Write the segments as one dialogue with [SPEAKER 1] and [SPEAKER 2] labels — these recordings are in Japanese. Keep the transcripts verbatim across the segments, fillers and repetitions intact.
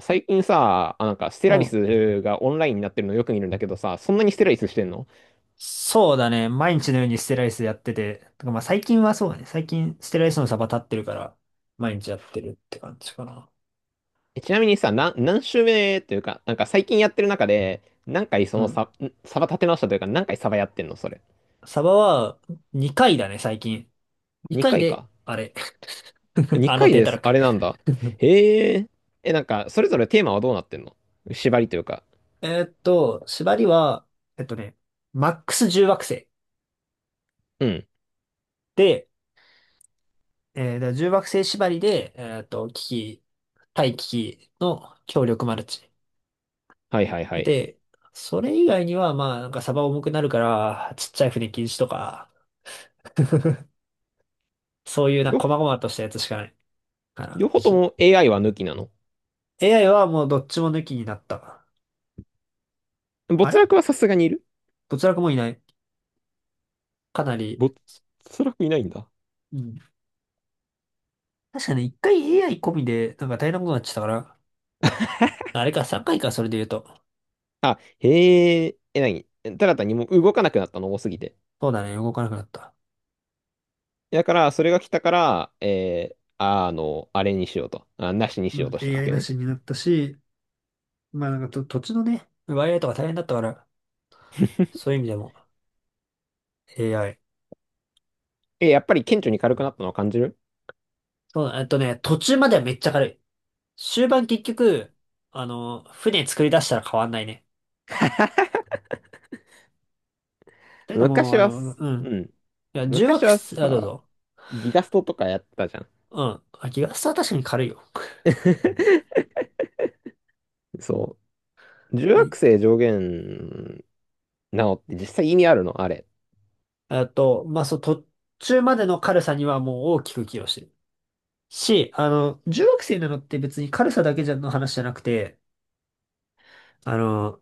[SPEAKER 1] 最近さ、あ、なんか、ステ
[SPEAKER 2] う
[SPEAKER 1] ラリ
[SPEAKER 2] ん。
[SPEAKER 1] スがオンラインになってるのよく見るんだけどさ、そんなにステラリスしてんの？
[SPEAKER 2] そうだね。毎日のようにステライスやってて、とかまあ最近はそうだね。最近ステライスのサバ立ってるから、毎日やってるって感じかな。
[SPEAKER 1] えちなみにさ、な、何週目というか、なんか最近やってる中で、何回そ
[SPEAKER 2] う
[SPEAKER 1] の
[SPEAKER 2] ん。
[SPEAKER 1] サ、んサバ立て直したというか、何回サバやってんのそれ？
[SPEAKER 2] サバはにかいだね、最近。2
[SPEAKER 1] 2
[SPEAKER 2] 回
[SPEAKER 1] 回
[SPEAKER 2] で、
[SPEAKER 1] か。
[SPEAKER 2] あれ。あ
[SPEAKER 1] 2
[SPEAKER 2] の
[SPEAKER 1] 回
[SPEAKER 2] 低
[SPEAKER 1] で
[SPEAKER 2] た
[SPEAKER 1] す。
[SPEAKER 2] ら
[SPEAKER 1] あ
[SPEAKER 2] く。
[SPEAKER 1] れなんだ。へえ。え、なんか、それぞれテーマはどうなってんの？縛りというか。
[SPEAKER 2] えーっと、縛りは、えっとね、マックスいち惑星
[SPEAKER 1] うん。
[SPEAKER 2] で、えー、だからじゅう惑星縛りで、えーっと、機器、対危機器の強力マルチ。
[SPEAKER 1] はいはいはい。
[SPEAKER 2] で、それ以外には、まあ、なんかサバ重くなるから、ちっちゃい船禁止とか、そういうな、
[SPEAKER 1] よ、
[SPEAKER 2] 細々としたやつしかないかな。
[SPEAKER 1] 両方と
[SPEAKER 2] し
[SPEAKER 1] も エーアイ は抜きなの？
[SPEAKER 2] エーアイ はもうどっちも抜きになった。
[SPEAKER 1] 没
[SPEAKER 2] あれ
[SPEAKER 1] 落はさすがにいる？
[SPEAKER 2] どちらかもいない。かなり、
[SPEAKER 1] 没落いないんだ。
[SPEAKER 2] うん。確かね、一回 エーアイ 込みで、なんか大変なことになっちゃったから、あれか、さんかいかいか、それで言うと。
[SPEAKER 1] あ、へえ。え、なに、ただ単にもう動かなくなったの多すぎて。
[SPEAKER 2] そうだね、動かなくなった。
[SPEAKER 1] だから、それが来たから、えー、あの、あれにしようと。あ、なしに
[SPEAKER 2] う
[SPEAKER 1] しよう
[SPEAKER 2] ん、
[SPEAKER 1] としたわ
[SPEAKER 2] エーアイ
[SPEAKER 1] け
[SPEAKER 2] な
[SPEAKER 1] ね。
[SPEAKER 2] しになったし、まあなんかと、土地のね、奪い合いとか大変だったから、そうい う意味でも エーアイ。
[SPEAKER 1] え、やっぱり顕著に軽くなったのを感じる？
[SPEAKER 2] そうだ、えっとね、途中まではめっちゃ軽い。終盤結局、あの、船作り出したら変わんないね。だけどもう、
[SPEAKER 1] 昔
[SPEAKER 2] あ
[SPEAKER 1] は
[SPEAKER 2] の、
[SPEAKER 1] す、
[SPEAKER 2] うん。
[SPEAKER 1] うん。
[SPEAKER 2] いや、重
[SPEAKER 1] 昔
[SPEAKER 2] 惑、
[SPEAKER 1] は
[SPEAKER 2] あ、どう
[SPEAKER 1] さ、
[SPEAKER 2] ぞ。
[SPEAKER 1] ギガストとかやったじゃん。
[SPEAKER 2] うん。あ、ギガスは確かに軽いよ。
[SPEAKER 1] そう。重
[SPEAKER 2] い
[SPEAKER 1] 惑星上限なのって実際意味あるのあれ？
[SPEAKER 2] あと、まあ、そう、途中までの軽さにはもう大きく寄与してる。し、あの、重惑星なのって別に軽さだけじゃの話じゃなくて、あの、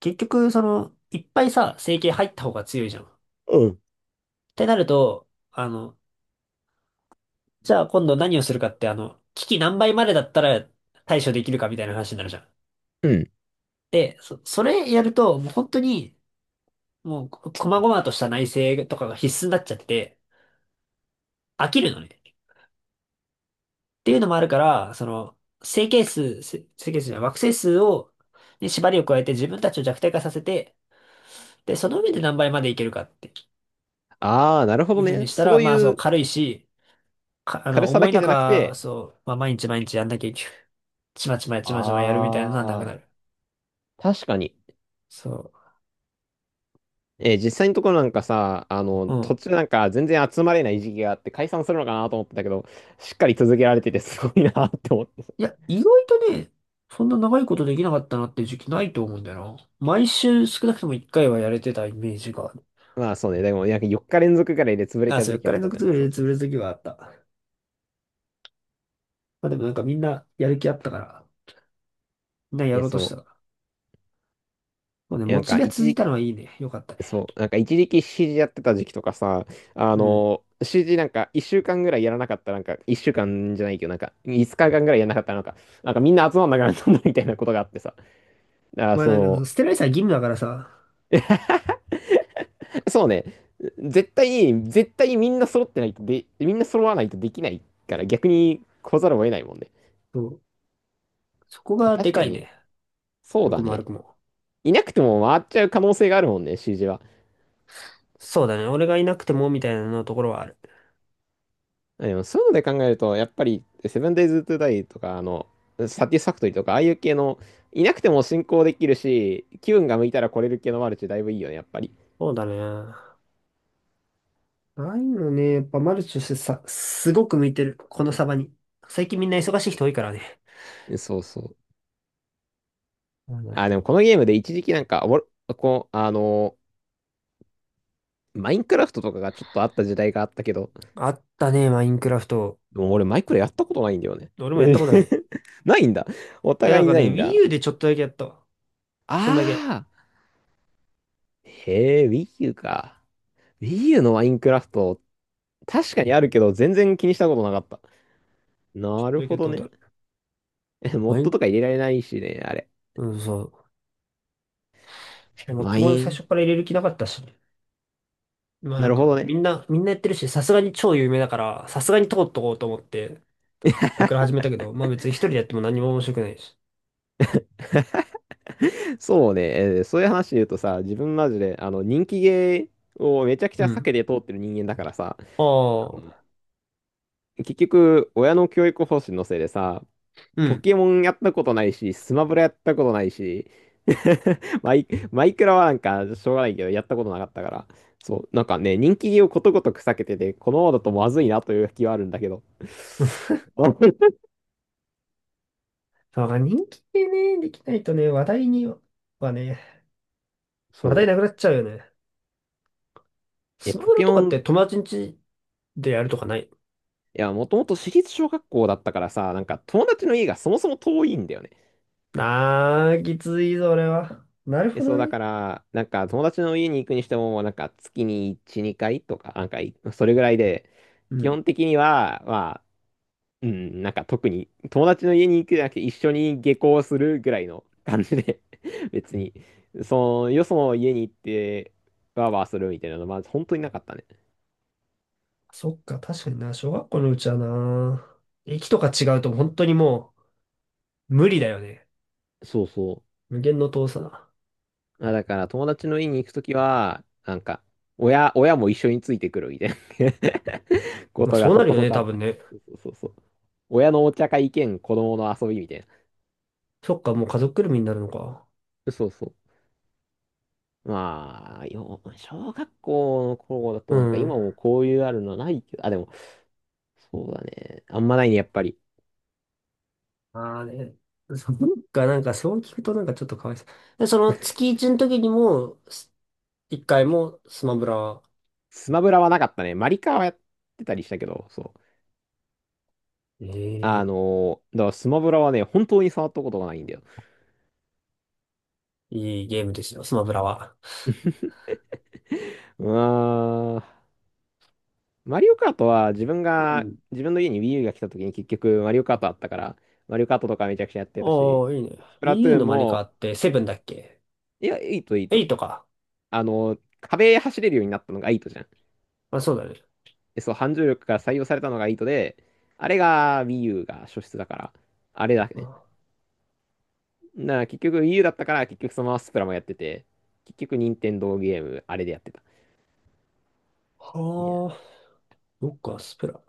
[SPEAKER 2] 結局、その、いっぱいさ、整形入った方が強いじゃん。っ
[SPEAKER 1] うん。
[SPEAKER 2] てなると、あの、じゃあ今度何をするかって、あの、危機何倍までだったら対処できるかみたいな話になるじゃん。
[SPEAKER 1] うん。
[SPEAKER 2] で、そ、それやると、もう本当に、もう、こ細々とした内政とかが必須になっちゃってて、飽きるのね。っていうのもあるから、その、整形数、せ整形数じゃない、惑星数を、に縛りを加えて自分たちを弱体化させて、で、その上で何倍までいけるかって
[SPEAKER 1] ああ、なるほ
[SPEAKER 2] い
[SPEAKER 1] ど
[SPEAKER 2] うふう
[SPEAKER 1] ね。
[SPEAKER 2] にしたら、
[SPEAKER 1] そう
[SPEAKER 2] まあ、そ
[SPEAKER 1] い
[SPEAKER 2] う、
[SPEAKER 1] う
[SPEAKER 2] 軽いし、か、あ
[SPEAKER 1] 軽
[SPEAKER 2] の、
[SPEAKER 1] さ
[SPEAKER 2] 重
[SPEAKER 1] だ
[SPEAKER 2] い
[SPEAKER 1] けじゃなく
[SPEAKER 2] 中、
[SPEAKER 1] て、
[SPEAKER 2] そう、まあ、毎日毎日やんなきゃいけない。ちまちまやちまちまやるみたいなのはなく
[SPEAKER 1] あ
[SPEAKER 2] なる。
[SPEAKER 1] あ、確かに。
[SPEAKER 2] そ
[SPEAKER 1] えー実際のところなんかさ、あ
[SPEAKER 2] う。
[SPEAKER 1] の、
[SPEAKER 2] う
[SPEAKER 1] 途
[SPEAKER 2] ん。
[SPEAKER 1] 中なんか全然集まれない時期があって解散するのかなと思ってたけど、しっかり続けられててすごいなって思って。
[SPEAKER 2] いや、意外とね、そんな長いことできなかったなっていう時期ないと思うんだよな。毎週少なくとも一回はやれてたイメージがある。
[SPEAKER 1] まあそうね、でもなんかよっか連続ぐらいで潰れ
[SPEAKER 2] あ、
[SPEAKER 1] た
[SPEAKER 2] そう、
[SPEAKER 1] 時
[SPEAKER 2] 4
[SPEAKER 1] 期
[SPEAKER 2] 日
[SPEAKER 1] あっ
[SPEAKER 2] 連
[SPEAKER 1] た
[SPEAKER 2] 続
[SPEAKER 1] じゃん。
[SPEAKER 2] 潰
[SPEAKER 1] そ
[SPEAKER 2] れ、
[SPEAKER 1] う
[SPEAKER 2] 潰
[SPEAKER 1] そう
[SPEAKER 2] れる
[SPEAKER 1] そうそ
[SPEAKER 2] 時
[SPEAKER 1] う。
[SPEAKER 2] はあった。まあでもなんかみんなやる気あったから、みんなや
[SPEAKER 1] え、
[SPEAKER 2] ろうと
[SPEAKER 1] そ
[SPEAKER 2] した
[SPEAKER 1] う。
[SPEAKER 2] から。もうね、
[SPEAKER 1] え
[SPEAKER 2] モ
[SPEAKER 1] なん
[SPEAKER 2] チ
[SPEAKER 1] か
[SPEAKER 2] ベが
[SPEAKER 1] 一
[SPEAKER 2] 続い
[SPEAKER 1] 時、
[SPEAKER 2] たのはいいね。よかったね。
[SPEAKER 1] そう、なんか一時期 シージー やってた時期とかさ、あ
[SPEAKER 2] うん。
[SPEAKER 1] の、シージー なんかいっしゅうかんぐらいやらなかったらなんかいっしゅうかんじゃないけど、なんかいつかかんぐらいやらなかったらなんか、なんかみんな集まんなくなったんだみたいなことがあってさ。あ、
[SPEAKER 2] まあなん
[SPEAKER 1] そ
[SPEAKER 2] か、
[SPEAKER 1] う。
[SPEAKER 2] 捨てられたら義務だからさ、
[SPEAKER 1] そうね。絶対に、絶対にみんな揃ってないとで、みんな揃わないとできないから逆に来ざるを得ないもんね。
[SPEAKER 2] そう、そこ
[SPEAKER 1] あ、
[SPEAKER 2] がで
[SPEAKER 1] 確か
[SPEAKER 2] かい
[SPEAKER 1] に、
[SPEAKER 2] ね。
[SPEAKER 1] そう
[SPEAKER 2] よく
[SPEAKER 1] だ
[SPEAKER 2] も悪
[SPEAKER 1] ね。
[SPEAKER 2] くも。
[SPEAKER 1] いなくても回っちゃう可能性があるもんね、シージー は。
[SPEAKER 2] そうだね。俺がいなくてもみたいなのところはある。
[SPEAKER 1] あ、でもそういうので考えると、やっぱり、セブンデイズ・トゥ・ダイとか、あの、サティスファクトリーとか、ああいう系の、いなくても進行できるし、気分が向いたら来れる系のマルチだいぶいいよね、やっぱり。
[SPEAKER 2] そうだね。ないうのね。やっぱマルチとしてさ、すごく向いてる。このサバに。最近みんな忙しい人多いからね。
[SPEAKER 1] そうそう。
[SPEAKER 2] うん。
[SPEAKER 1] あ、でもこのゲームで一時期なんか、おもろこう、あの、マインクラフトとかがちょっとあった時代があったけど、
[SPEAKER 2] あったね、マインクラフト。
[SPEAKER 1] でも俺マイクラやったことないんだよね。
[SPEAKER 2] 俺もやっ
[SPEAKER 1] え
[SPEAKER 2] たことない。
[SPEAKER 1] ー
[SPEAKER 2] い
[SPEAKER 1] ないんだ。お
[SPEAKER 2] や、な
[SPEAKER 1] 互
[SPEAKER 2] ん
[SPEAKER 1] いに
[SPEAKER 2] か
[SPEAKER 1] な
[SPEAKER 2] ね、
[SPEAKER 1] いん
[SPEAKER 2] Wii
[SPEAKER 1] だ。
[SPEAKER 2] U でちょっとだけやったわ。そんだけ。
[SPEAKER 1] ああ。へえ、Wii U か。Wii U のマインクラフト、確かにあるけど、全然気にしたことなかった。
[SPEAKER 2] ちょっ
[SPEAKER 1] なる
[SPEAKER 2] とだけ
[SPEAKER 1] ほ
[SPEAKER 2] やった
[SPEAKER 1] ど
[SPEAKER 2] ことあ
[SPEAKER 1] ね。
[SPEAKER 2] る。
[SPEAKER 1] えモ
[SPEAKER 2] マ
[SPEAKER 1] ッ
[SPEAKER 2] イ
[SPEAKER 1] ド
[SPEAKER 2] ン、
[SPEAKER 1] とか入れられないしね、あれ。
[SPEAKER 2] うん、そう。でも
[SPEAKER 1] マ
[SPEAKER 2] とも
[SPEAKER 1] イ
[SPEAKER 2] 最
[SPEAKER 1] ン。
[SPEAKER 2] 初から入れる気なかったし。まあな
[SPEAKER 1] な
[SPEAKER 2] ん
[SPEAKER 1] るほ
[SPEAKER 2] か、
[SPEAKER 1] ど
[SPEAKER 2] み
[SPEAKER 1] ね。
[SPEAKER 2] んな、みんなやってるし、さすがに超有名だから、さすがに通っとこうと思って、あれから始めたけど、まあ別に一人でやっても何も面白くないし。
[SPEAKER 1] そうね、えーそういう話で言うとさ、自分マジで、あの、人気ゲーをめちゃくち
[SPEAKER 2] う
[SPEAKER 1] ゃ避
[SPEAKER 2] ん。
[SPEAKER 1] けて通ってる人間だからさ、
[SPEAKER 2] あ
[SPEAKER 1] あの
[SPEAKER 2] あ、
[SPEAKER 1] 結局、親の教育方針のせいでさ、
[SPEAKER 2] う
[SPEAKER 1] ポ
[SPEAKER 2] ん。
[SPEAKER 1] ケモンやったことないし、スマブラやったことないし、マイ、マイクラはなんかしょうがないけど、やったことなかったから、そう、なんかね、人気をことごとく避けてて、このままだとまずいなという気はあるんだけど。
[SPEAKER 2] だから人気でね、できないとね、話題にはね、話題
[SPEAKER 1] そ
[SPEAKER 2] なくな
[SPEAKER 1] う。
[SPEAKER 2] っちゃうよね。
[SPEAKER 1] え、
[SPEAKER 2] スマ
[SPEAKER 1] ポ
[SPEAKER 2] ブラ
[SPEAKER 1] ケ
[SPEAKER 2] と
[SPEAKER 1] モ
[SPEAKER 2] かっ
[SPEAKER 1] ン、い
[SPEAKER 2] て友達ん家でやるとかない？
[SPEAKER 1] や、もともと私立小学校だったからさ、なんか友達の家がそもそも遠いんだよね。
[SPEAKER 2] あー、きついぞ、俺は。なる
[SPEAKER 1] え、
[SPEAKER 2] ほど
[SPEAKER 1] そうだか
[SPEAKER 2] ね。
[SPEAKER 1] ら、なんか友達の家に行くにしても、なんか月にいち、にかいとか、なんかいそれぐらいで、
[SPEAKER 2] う
[SPEAKER 1] 基
[SPEAKER 2] ん。
[SPEAKER 1] 本的には、まあうん、なんか特に友達の家に行くじゃなくて一緒に下校するぐらいの感じで 別に、その、よその家に行って、バーバーするみたいなのは、まず本当になかったね。
[SPEAKER 2] そっか、確かにな、小学校のうちはな、駅とか違うと本当にもう無理だよね。
[SPEAKER 1] そうそ
[SPEAKER 2] 無限の遠さだ。
[SPEAKER 1] う。あ、だから友達の家に行くときは、なんか、親、親も一緒についてくるみたいな こ
[SPEAKER 2] まあ
[SPEAKER 1] とが
[SPEAKER 2] そう
[SPEAKER 1] そ
[SPEAKER 2] なる
[SPEAKER 1] こ
[SPEAKER 2] よ
[SPEAKER 1] そ
[SPEAKER 2] ね、
[SPEAKER 1] こあ
[SPEAKER 2] 多
[SPEAKER 1] った
[SPEAKER 2] 分
[SPEAKER 1] ね。
[SPEAKER 2] ね。
[SPEAKER 1] そうそうそう。親のお茶会兼子供の遊びみたい
[SPEAKER 2] そっか、もう家族ぐるみになるのか。
[SPEAKER 1] な。そうそう。まあ、よ、小学校の頃だ
[SPEAKER 2] う
[SPEAKER 1] となんか今
[SPEAKER 2] ん。
[SPEAKER 1] もこういうあるのないけど、あ、でも、そうだね。あんまないね、やっぱり。
[SPEAKER 2] ああね。そっか、なんかそう聞くとなんかちょっとかわいそう。で、その月一の時にも、す一回もスマブラは、
[SPEAKER 1] スマブラはなかったね。マリカはやってたりしたけど、そう。
[SPEAKER 2] え
[SPEAKER 1] あ
[SPEAKER 2] え、
[SPEAKER 1] のーだからスマブラはね、本当に触ったことがないんだよ。
[SPEAKER 2] いいゲームですよ、スマブラは。
[SPEAKER 1] うーん。マリオカートは自分
[SPEAKER 2] う
[SPEAKER 1] が、
[SPEAKER 2] ん。
[SPEAKER 1] 自分の家に Wii U が来た時に結局マリオカートあったから、マリオカートとかめちゃくちゃやってたし、
[SPEAKER 2] おー、いいね。
[SPEAKER 1] スプ
[SPEAKER 2] Wii
[SPEAKER 1] ラト
[SPEAKER 2] U
[SPEAKER 1] ゥーン
[SPEAKER 2] のマリカ
[SPEAKER 1] も、
[SPEAKER 2] ってセブンだっけ？
[SPEAKER 1] いや、いいといい
[SPEAKER 2] エ
[SPEAKER 1] と。
[SPEAKER 2] イトか。
[SPEAKER 1] あのー壁走れるようになったのがいいとじゃん。
[SPEAKER 2] まあ、そうだね。
[SPEAKER 1] でそう、反重力が採用されたのがいいとで、あれが Wii U が初出だから、あれだね。
[SPEAKER 2] あ
[SPEAKER 1] なあ、結局 Wii U だったから、結局そのままスプラもやってて、結局任天堂ゲーム、あれでやってた。いや、
[SPEAKER 2] はあ、そっか、スプラ。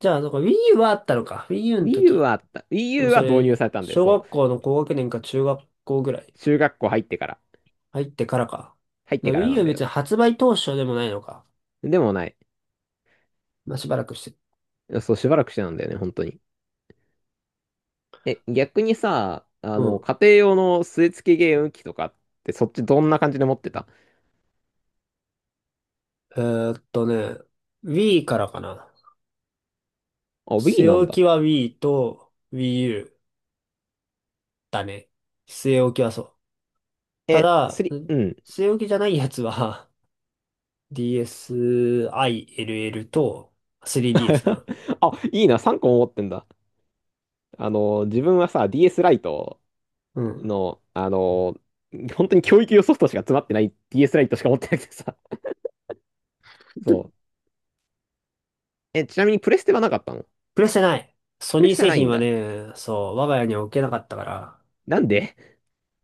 [SPEAKER 2] じゃあ、なんか Wii U はあったのか。Wii U の
[SPEAKER 1] Wii U
[SPEAKER 2] 時。
[SPEAKER 1] はあった。Wii
[SPEAKER 2] でも
[SPEAKER 1] U
[SPEAKER 2] そ
[SPEAKER 1] は導入
[SPEAKER 2] れ、
[SPEAKER 1] されたんだよ、
[SPEAKER 2] 小
[SPEAKER 1] そう。
[SPEAKER 2] 学校の高学年か中学校ぐらい
[SPEAKER 1] 中学校入ってから。
[SPEAKER 2] 入ってからか。
[SPEAKER 1] 入っ
[SPEAKER 2] だ
[SPEAKER 1] て
[SPEAKER 2] か
[SPEAKER 1] か
[SPEAKER 2] ら Wii
[SPEAKER 1] ら
[SPEAKER 2] U
[SPEAKER 1] な
[SPEAKER 2] は
[SPEAKER 1] んだよ。
[SPEAKER 2] 別に発売当初でもないのか。
[SPEAKER 1] でもない。
[SPEAKER 2] まあ、しばらくして。
[SPEAKER 1] そう、しばらくしてなんだよね、本当に。え、逆にさ、あ
[SPEAKER 2] う
[SPEAKER 1] の、
[SPEAKER 2] ん。
[SPEAKER 1] 家庭用の据え付けゲーム機とかって、そっちどんな感じで持ってた？
[SPEAKER 2] えーっとね、Wii からかな。
[SPEAKER 1] あ、
[SPEAKER 2] 据
[SPEAKER 1] Wii
[SPEAKER 2] え
[SPEAKER 1] なん
[SPEAKER 2] 置き
[SPEAKER 1] だ。
[SPEAKER 2] は Wii と Wii U だね。据え置きはそう。た
[SPEAKER 1] え、
[SPEAKER 2] だ、
[SPEAKER 1] さん、うん。
[SPEAKER 2] 据え置きじゃないやつは DSiLL と スリーディーエス かな。
[SPEAKER 1] あ、いいな、さんこも持ってんだ。あの、自分はさ、ディーエス ライト
[SPEAKER 2] うん。
[SPEAKER 1] の、あの、本当に教育用ソフトしか詰まってない ディーエス ライトしか持ってなくてさ。そう。え、ちなみにプレステはなかったの？
[SPEAKER 2] プレステない。ソ
[SPEAKER 1] プレ
[SPEAKER 2] ニー
[SPEAKER 1] ステは
[SPEAKER 2] 製
[SPEAKER 1] ない
[SPEAKER 2] 品
[SPEAKER 1] ん
[SPEAKER 2] は
[SPEAKER 1] だ。
[SPEAKER 2] ね、そう、我が家には置けなかったから、
[SPEAKER 1] なんで？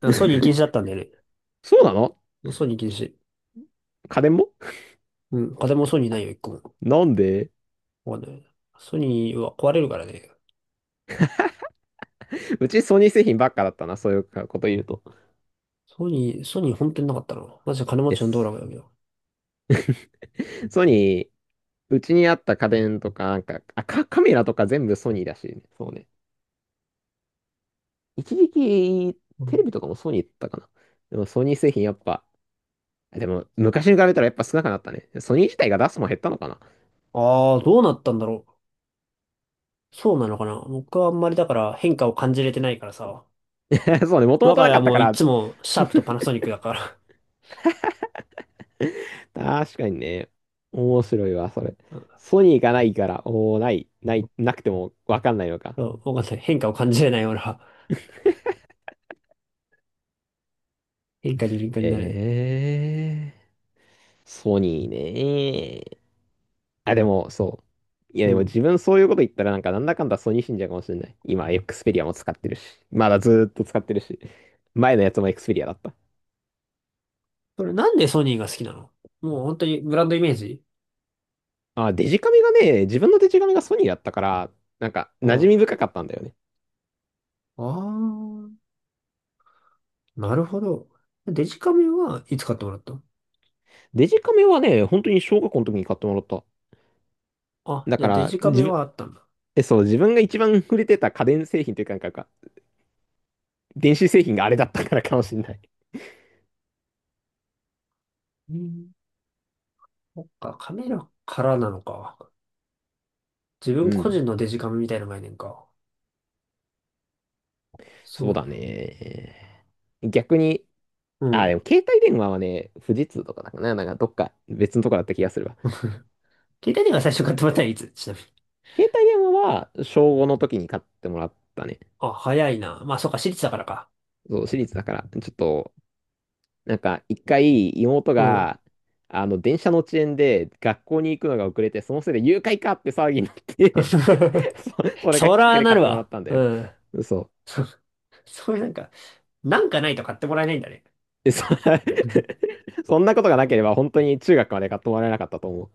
[SPEAKER 2] あソニー禁止だっ たんだよね。
[SPEAKER 1] そうなの？
[SPEAKER 2] ソニー禁止。
[SPEAKER 1] 家電も？
[SPEAKER 2] うん、家電もソニーないよ、一個も。
[SPEAKER 1] なんで？
[SPEAKER 2] わかんない。ソニーは壊れるからね。
[SPEAKER 1] うちソニー製品ばっかだったな、そういうこと言うと。
[SPEAKER 2] ソニー、ソニー本当になかったな。マジで金持
[SPEAKER 1] で
[SPEAKER 2] ちの道路
[SPEAKER 1] す。
[SPEAKER 2] がだけど。
[SPEAKER 1] ソニー、うちにあった家電とか、なんか、あ、カカメラとか全部ソニーだし、ね、そうね。一時期、
[SPEAKER 2] う
[SPEAKER 1] テレ
[SPEAKER 2] ん。
[SPEAKER 1] ビとかもソニーだったかな。でもソニー製品やっぱ、でも昔に比べたらやっぱ少なくなったね。ソニー自体が出すもん減ったのかな？
[SPEAKER 2] ああ、どうなったんだろう。そうなのかな。僕はあんまりだから変化を感じれてないからさ。
[SPEAKER 1] そうね、もとも
[SPEAKER 2] 我
[SPEAKER 1] と
[SPEAKER 2] が
[SPEAKER 1] な
[SPEAKER 2] 家
[SPEAKER 1] か
[SPEAKER 2] は
[SPEAKER 1] った
[SPEAKER 2] も
[SPEAKER 1] か
[SPEAKER 2] うい
[SPEAKER 1] ら。
[SPEAKER 2] つもシャープとパ ナソニックだから。
[SPEAKER 1] 確かにね。面白いわ、それ。
[SPEAKER 2] うん
[SPEAKER 1] ソニーがないから、おー、ない、ない、
[SPEAKER 2] う
[SPEAKER 1] なくてもわかんないのか。
[SPEAKER 2] んわかんない。変化を感じれないような変化に敏感になるね。
[SPEAKER 1] えー、ソニーね。あ、でも、そう。いや、
[SPEAKER 2] う
[SPEAKER 1] でも
[SPEAKER 2] ん。
[SPEAKER 1] 自分そういうこと言ったら、なんか、なんだかんだソニー信者かもしれない。今、エクスペリアも使ってるし。まだずーっと使ってるし。前のやつもエクスペリアだった。
[SPEAKER 2] それなんでソニーが好きなの？もう本当にブランドイメージ？
[SPEAKER 1] あ、デジカメがね、自分のデジカメがソニーだったから、なんか、
[SPEAKER 2] う
[SPEAKER 1] 馴染
[SPEAKER 2] ん。
[SPEAKER 1] み深
[SPEAKER 2] あ
[SPEAKER 1] かったんだよね。
[SPEAKER 2] あ、なるほど。デジカメはいつ買ってもらったの？
[SPEAKER 1] デジカメはね、本当に小学校の時に買ってもらった。
[SPEAKER 2] あ、
[SPEAKER 1] だ
[SPEAKER 2] じゃ
[SPEAKER 1] か
[SPEAKER 2] あデ
[SPEAKER 1] ら、
[SPEAKER 2] ジカ
[SPEAKER 1] 自
[SPEAKER 2] メ
[SPEAKER 1] 分、
[SPEAKER 2] はあったんだ。
[SPEAKER 1] え、そう、自分が一番触れてた家電製品というか、なんか、なんか電子製品があれだったからかもしれない。
[SPEAKER 2] うん。そっか、カメラからなのか。自
[SPEAKER 1] う
[SPEAKER 2] 分個
[SPEAKER 1] ん。
[SPEAKER 2] 人のデジカメみたいな概念か。す
[SPEAKER 1] そ
[SPEAKER 2] ご
[SPEAKER 1] う
[SPEAKER 2] いな。
[SPEAKER 1] だね。逆に、
[SPEAKER 2] う
[SPEAKER 1] あ、
[SPEAKER 2] ん。
[SPEAKER 1] でも携帯電話はね、富士通とかだかな、なんかどっか別のとこだった気がするわ。
[SPEAKER 2] 携帯電話最初買ってもらったのいつちなみに？
[SPEAKER 1] 携帯電話は小ごの時に買ってもらったね。
[SPEAKER 2] あ、早いな。まあ、そっか、私立だからか。
[SPEAKER 1] そう、私立だから、ちょっとなんか、一回、妹
[SPEAKER 2] うん。
[SPEAKER 1] が、あの、電車の遅延で学校に行くのが遅れて、そのせいで誘拐かって騒ぎになって そ、それが
[SPEAKER 2] そ
[SPEAKER 1] きっかけ
[SPEAKER 2] ら
[SPEAKER 1] で
[SPEAKER 2] な
[SPEAKER 1] 買っ
[SPEAKER 2] る
[SPEAKER 1] てもらっ
[SPEAKER 2] わ。
[SPEAKER 1] たんだ
[SPEAKER 2] う
[SPEAKER 1] よ。
[SPEAKER 2] ん。
[SPEAKER 1] そう。
[SPEAKER 2] そ、そういうなんか、なんかないと買ってもらえないんだね。
[SPEAKER 1] で、そ、
[SPEAKER 2] うん
[SPEAKER 1] そんなことがなければ、本当に中学まで買ってもらえなかったと思う。